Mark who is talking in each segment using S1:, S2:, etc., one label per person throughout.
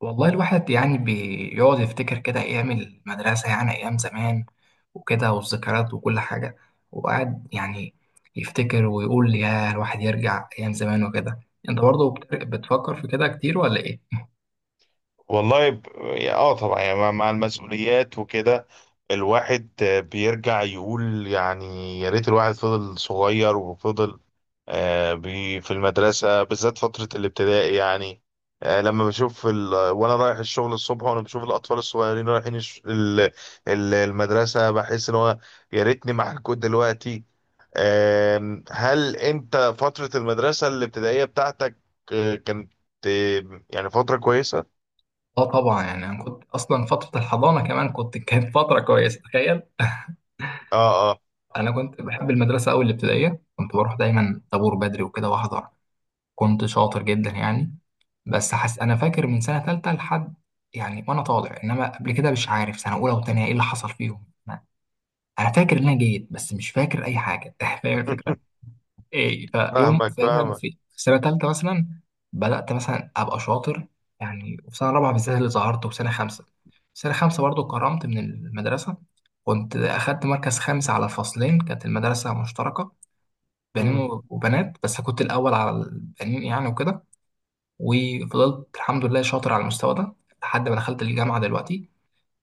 S1: والله الواحد يعني بيقعد يفتكر كده أيام المدرسة، يعني أيام زمان وكده، والذكريات وكل حاجة، وقعد يعني يفتكر ويقول يا الواحد يرجع أيام زمان وكده. أنت برضه بتفكر في كده كتير ولا إيه؟
S2: والله اه، طبعا يعني مع المسؤوليات وكده. الواحد بيرجع يقول يعني يا ريت الواحد فضل صغير وفضل. في المدرسة بالذات فترة الابتدائي يعني. لما بشوف وانا رايح الشغل الصبح وانا بشوف الاطفال الصغيرين رايحين المدرسة، بحس ان هو يا ريتني معاكم دلوقتي. هل انت فترة المدرسة الابتدائية بتاعتك كانت يعني فترة كويسة؟
S1: آه طبعا، يعني أنا كنت أصلا فترة الحضانة كمان كنت كانت فترة كويسة، تخيل.
S2: اه، آه.
S1: أنا كنت بحب المدرسة أوي، الابتدائية كنت بروح دايما طابور بدري وكده وأحضر، كنت شاطر جدا يعني. بس حس انا فاكر من سنه ثالثه لحد، يعني وانا طالع، انما قبل كده مش عارف سنه اولى وثانيه ايه اللي حصل فيهم. انا أنا فاكر ان انا جيد بس مش فاكر اي حاجه فاهم الفكره. ايه؟ فيوم في
S2: فاهمك، فاهمك.
S1: في سنه ثالثه مثلا بدات مثلا ابقى شاطر يعني، وفي سنه رابعه بالذات اللي ظهرت، وفي سنه خمسه برضو اتكرمت من المدرسه، كنت اخدت مركز خامس على فصلين. كانت المدرسه مشتركه بنين
S2: امم.
S1: وبنات، بس كنت الاول على البنين يعني وكده، وفضلت الحمد لله شاطر على المستوى ده لحد ما دخلت الجامعة دلوقتي،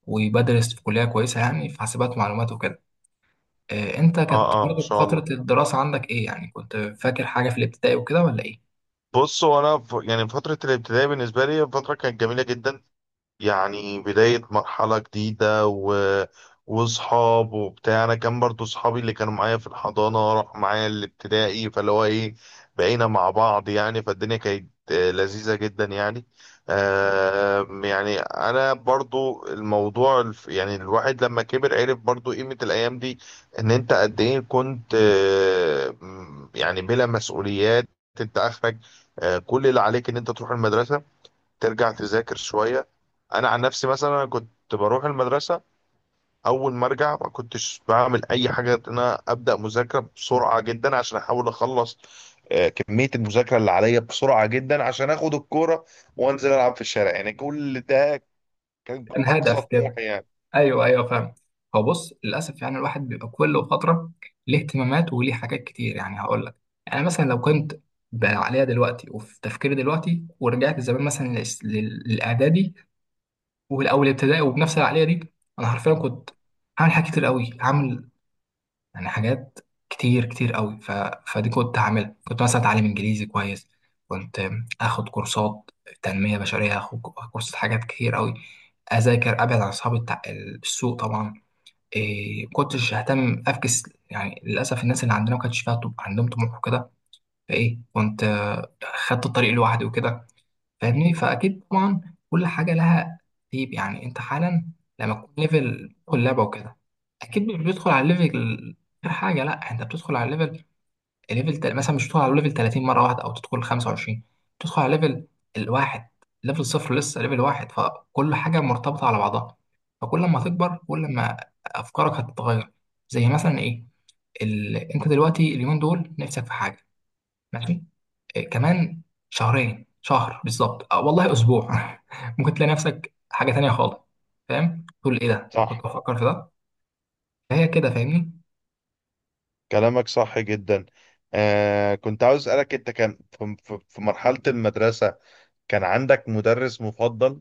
S1: وبدرس في كلية كويسة يعني في حاسبات ومعلومات وكده. انت
S2: اه،
S1: كانت
S2: اه، ما
S1: برضه
S2: شاء
S1: فترة
S2: الله.
S1: الدراسة عندك ايه؟ يعني كنت فاكر حاجة في الابتدائي وكده ولا ايه؟
S2: بص، هو انا يعني فتره الابتدائي بالنسبه لي فتره كانت جميله جدا. يعني بداية مرحلة جديدة وصحاب وبتاع. أنا كان برضو صحابي اللي كانوا معايا في الحضانة راحوا معايا الابتدائي، فاللي هو إيه بقينا مع بعض يعني، فالدنيا كانت لذيذة جدا يعني. يعني أنا برضو الموضوع، يعني الواحد لما كبر عرف برضو قيمة الأيام دي. إن أنت قد إيه كنت، يعني بلا مسؤوليات. أنت آخرك كل اللي عليك إن أنت تروح المدرسة، ترجع تذاكر شوية. أنا عن نفسي مثلا، أنا كنت بروح المدرسة أول ما أرجع ما كنتش بعمل أي حاجة غير إن أنا أبدأ مذاكرة بسرعة جدا عشان أحاول أخلص كمية المذاكرة اللي عليا بسرعة جدا عشان آخد الكورة وأنزل ألعب في الشارع يعني. كل ده كان
S1: كان
S2: أقصى
S1: هدف كده.
S2: طموحي يعني.
S1: ايوه ايوه فاهم. هو بص للأسف يعني الواحد بيبقى كل فترة ليه اهتمامات وليه حاجات كتير. يعني هقول لك، يعني مثلا لو كنت بقى عليها دلوقتي وفي تفكيري دلوقتي، ورجعت زمان مثلا للإعدادي والاول ابتدائي وبنفس العقليه دي، انا حرفيا كنت هعمل حاجات كتير قوي، هعمل يعني حاجات كتير كتير قوي. ف... فدي كنت هعملها، كنت مثلا اتعلم انجليزي كويس، كنت اخد كورسات تنميه بشريه، اخد كورسات، حاجات كتير قوي، اذاكر، ابعد عن اصحاب السوق طبعا، إيه كنتش اهتم افكس. يعني للاسف الناس اللي عندنا ما كانش فيها عندهم طموح وكده، فايه كنت خدت الطريق لوحدي وكده، فاهمني؟ فاكيد طبعا كل حاجه لها ترتيب يعني. انت حالا لما تكون ليفل تدخل لعبه وكده، اكيد مش بتدخل على الليفل غير حاجه، لا انت بتدخل على مثلا مش بتدخل على ليفل 30 مره واحده او تدخل 25، بتدخل على ليفل الواحد، ليفل صفر، لسه ليفل واحد. فكل حاجه مرتبطه على بعضها، فكل ما هتكبر كل ما افكارك هتتغير. زي مثلا ايه، انت دلوقتي اليومين دول نفسك في حاجه، ماشي، إيه، كمان شهرين، شهر بالظبط، والله اسبوع ممكن تلاقي نفسك حاجه تانية خالص. فاهم تقول ايه ده؟ انا كنت
S2: صح.
S1: بفكر في ده، فهي كده، فاهمني؟
S2: كلامك صح جدا. كنت عاوز أسألك، أنت كان في مرحلة المدرسة كان عندك مدرس مفضل؟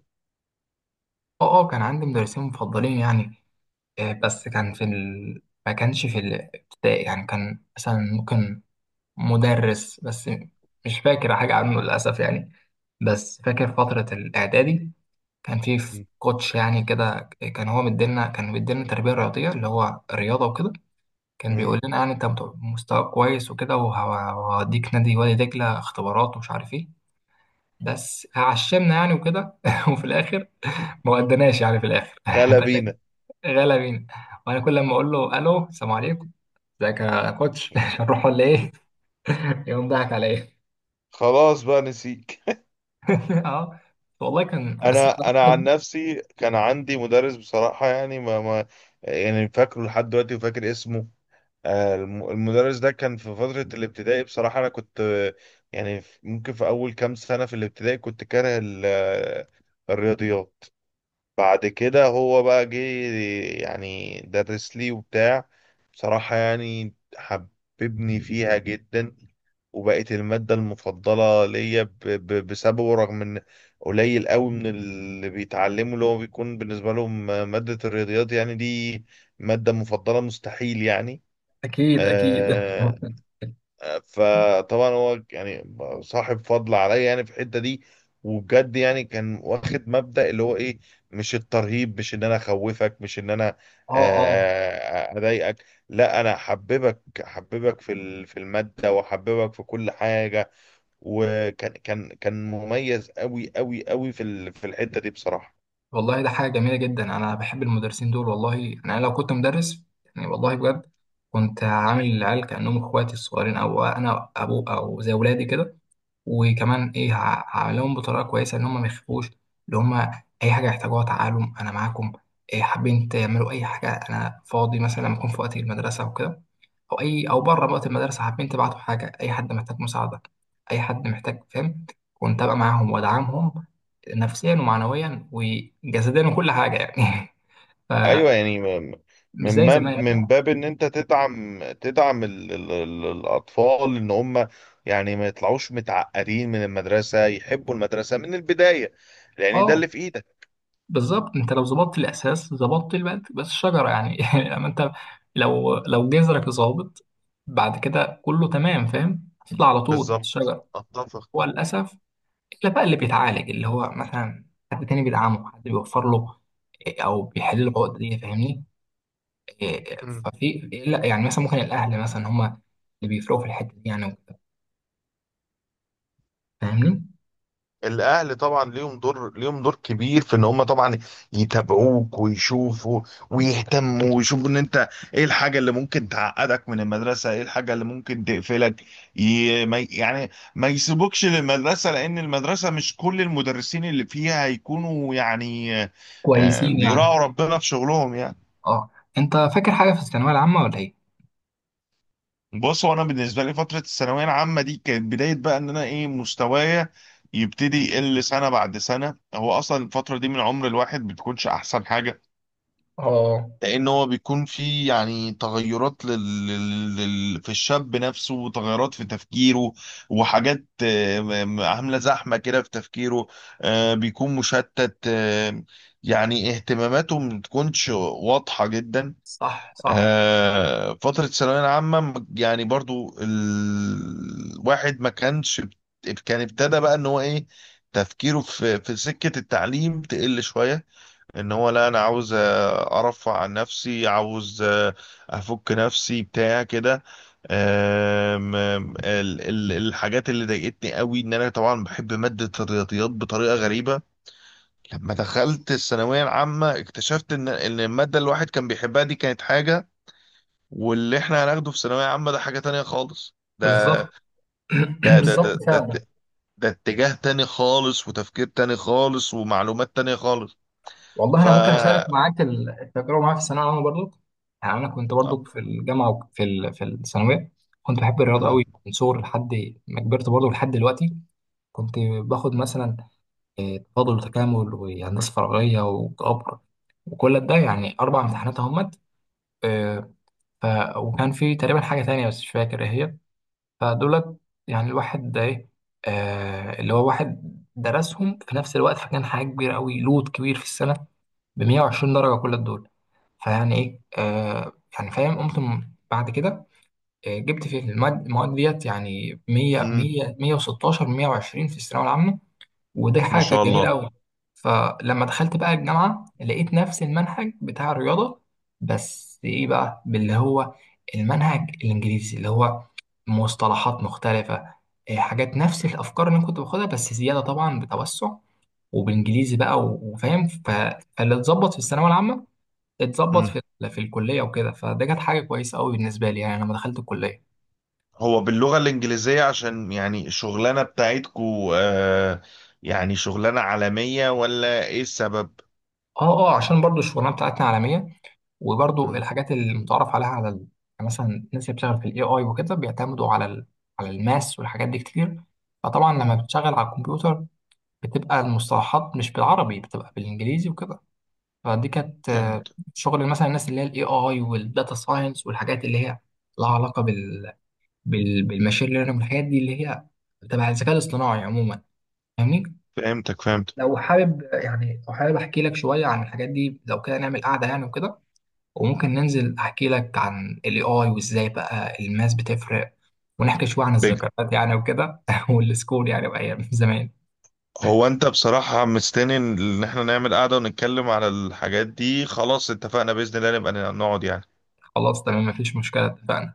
S1: اه اه كان عندي مدرسين مفضلين يعني، بس كان في ما كانش في الابتدائي يعني، كان مثلا ممكن مدرس بس مش فاكر حاجه عنه للاسف يعني. بس فاكر فتره الاعدادي كان في
S2: م-
S1: كوتش يعني كده، كان هو مدينا، كان مدينا تربيه رياضيه اللي هو رياضه وكده. كان
S2: م.
S1: بيقول لنا يعني انت مستوى كويس وكده، وهديك نادي وادي دجله اختبارات ومش عارف ايه، بس عشمنا يعني وكده وفي الاخر ما ودناش يعني، في الاخر
S2: تعالى
S1: تخيل،
S2: بينا.
S1: غلا بينا. وانا كل لما اقول له الو السلام عليكم، ازيك يا كوتش هنروح ولا ايه، يقوم ضحك عليا
S2: خلاص بقى، نسيك
S1: اه والله كان بس.
S2: انا عن نفسي كان عندي مدرس بصراحة يعني، ما يعني فاكره لحد دلوقتي وفاكر اسمه. المدرس ده كان في فترة الابتدائي، بصراحة انا كنت، يعني ممكن في اول كام سنة في الابتدائي كنت كاره الرياضيات. بعد كده هو بقى جه يعني درس لي وبتاع، بصراحة يعني حببني فيها جدا. وبقت المادة المفضلة ليا بسببه، رغم ان قليل قوي من اللي بيتعلموا اللي هو بيكون بالنسبة لهم مادة الرياضيات يعني، دي مادة مفضلة مستحيل يعني.
S1: اكيد اكيد اه.
S2: آه، فطبعا هو يعني صاحب فضل عليا يعني في الحتة دي. وبجد يعني كان واخد مبدأ اللي هو ايه، مش الترهيب، مش ان انا اخوفك، مش ان انا
S1: اه
S2: اضايقك. لا، انا احببك، احببك في في المادة، واحببك في كل حاجة. وكان، كان مميز قوي قوي قوي في في الحتة دي بصراحة.
S1: والله ده حاجة جميلة جدا، أنا بحب المدرسين دول، والله يعني أنا لو كنت مدرس، يعني والله بجد كنت عامل العيال كأنهم إخواتي الصغيرين، أو أنا أبو، أو زي ولادي كده. وكمان إيه، هعملهم بطريقة كويسة إن هم ما يخافوش، اللي هم أي حاجة يحتاجوها تعالوا أنا معاكم، إيه حابين تعملوا أي حاجة، أنا فاضي مثلا لما أكون في وقت المدرسة وكده، او اي او بره بقى المدرسه حابين تبعتوا حاجه، اي حد محتاج مساعده، اي حد محتاج فهم، كنت ابقى معاهم وادعمهم نفسيا ومعنويا وجسديا وكل حاجه يعني فمش
S2: ايوه يعني،
S1: زي زمان
S2: من
S1: يعني.
S2: باب ان انت تدعم، ال ال ال الاطفال، ان هم يعني ما يطلعوش متعقدين من المدرسة، يحبوا المدرسة من البداية، لان ده
S1: اه
S2: اللي في ايدك.
S1: بالظبط، انت لو ظبطت الاساس ظبطت البلد، بس الشجره يعني لما انت لو جذرك ظابط بعد كده كله تمام، فاهم؟ تطلع على طول
S2: بالظبط،
S1: الشجره. هو
S2: اتفق.
S1: للاسف الا بقى اللي بيتعالج اللي هو مثلا حد تاني بيدعمه، حد بيوفر له، او بيحل له العقده دي، فاهمني؟ إيه، ففي، لا يعني مثلا ممكن الاهل مثلا هم اللي بيفرقوا في الحته دي يعني وكده. فاهمني؟
S2: الاهل طبعا ليهم دور كبير في ان هم طبعا يتابعوك ويشوفوا، ويهتموا ويشوفوا ان انت ايه الحاجه اللي ممكن تعقدك من المدرسه، ايه الحاجه اللي ممكن تقفلك. ي... ما... يعني ما يسيبوكش للمدرسه، لان المدرسه مش كل المدرسين اللي فيها هيكونوا يعني
S1: كويسين يعني.
S2: بيراعوا ربنا في شغلهم يعني.
S1: اه انت فاكر حاجه في الثانويه العامه ولا ايه؟
S2: بص، هو انا بالنسبه لي فتره الثانويه العامه دي كانت بدايه بقى ان انا ايه، مستوايا يبتدي يقل سنه بعد سنه. هو اصلا الفتره دي من عمر الواحد بتكونش احسن حاجه،
S1: اه
S2: لان هو بيكون في يعني تغيرات في الشاب نفسه، وتغيرات في تفكيره وحاجات عامله زحمه كده في تفكيره. بيكون مشتت، يعني اهتماماته ما بتكونش واضحه جدا.
S1: صح صح
S2: فترة الثانوية العامة يعني برضو الواحد ما كانش، كان ابتدى بقى ان هو ايه، تفكيره في سكة التعليم تقل شوية. ان هو لا، انا عاوز ارفع عن نفسي، عاوز افك نفسي بتاع كده. الحاجات اللي ضايقتني قوي ان انا طبعا بحب مادة الرياضيات بطريقة غريبة. لما دخلت الثانوية العامة اكتشفت ان المادة اللي الواحد كان بيحبها دي كانت حاجة، واللي احنا هناخده في ثانوية عامة ده حاجة تانية خالص.
S1: بالظبط
S2: ده ده ده
S1: بالظبط
S2: ده,
S1: فعلا.
S2: ده اتجاه تاني خالص، وتفكير تاني خالص، ومعلومات تانية خالص.
S1: والله
S2: ف
S1: انا ممكن اشارك
S2: آه،
S1: معاك التجربه معايا في الثانويه العامه برضو. يعني انا كنت برضو في الجامعه وفي في الثانويه كنت بحب الرياضه
S2: مم.
S1: قوي من صغري لحد ما كبرت برضو لحد دلوقتي. كنت باخد مثلا، تفاضل وتكامل وهندسة فراغية وجبر، وكل ده يعني أربع امتحانات أهمت، آه، ف... وكان في تقريبا حاجة تانية بس مش فاكر إيه هي. فدولت يعني الواحد ده إيه، اللي هو واحد درسهم في نفس الوقت، فكان حاجة كبيرة أوي، لود كبير في السنة، ب 120 درجة كل دول، فيعني إيه، يعني فاهم. قمت بعد كده جبت في المواد ديت يعني 100
S2: مم.
S1: 100 116 120 في الثانوية العامة. ودي
S2: ما
S1: حاجة
S2: شاء
S1: كانت جميلة
S2: الله.
S1: أوي. فلما دخلت بقى الجامعة لقيت نفس المنهج بتاع الرياضة، بس إيه بقى، باللي هو المنهج الإنجليزي، اللي هو مصطلحات مختلفة، إيه، حاجات نفس الأفكار اللي أنا كنت باخدها بس زيادة طبعا، بتوسع وبالإنجليزي بقى، وفاهم فاللي اتظبط في الثانوية العامة اتظبط
S2: مم.
S1: في في الكلية وكده. فده كانت حاجة كويسة أوي بالنسبة لي يعني لما دخلت الكلية.
S2: هو باللغة الإنجليزية عشان يعني الشغلانة بتاعتكو، يعني شغلانة عالمية ولا إيه السبب؟
S1: اه اه عشان برضو الشغلانة بتاعتنا عالمية، وبرضو
S2: مم.
S1: الحاجات المتعارف عليها على يعني مثلا الناس اللي بتشتغل في الاي اي وكده بيعتمدوا على على الماس والحاجات دي كتير، فطبعا لما
S2: مم.
S1: بتشتغل على الكمبيوتر بتبقى المصطلحات مش بالعربي، بتبقى بالانجليزي وكده، فدي كانت
S2: فهمت.
S1: شغل مثلا الناس اللي هي الاي اي والداتا ساينس والحاجات اللي هي لها علاقه بالماشين ليرنينج، والحاجات دي اللي هي تبع الذكاء الاصطناعي عموما، فاهمني؟
S2: فهمتك، فهمت.
S1: لو حابب يعني، لو حابب احكي لك شويه عن الحاجات دي، لو كده نعمل قعده يعني وكده، وممكن ننزل احكي لك عن الاي اي وازاي بقى الماس بتفرق، ونحكي شويه عن الذكريات يعني وكده والسكول يعني وايام زمان.
S2: هو انت بصراحة مستني ان احنا نعمل قعدة ونتكلم على الحاجات دي. خلاص، اتفقنا، بإذن الله نبقى نقعد يعني.
S1: خلاص تمام مفيش مشكله، اتفقنا.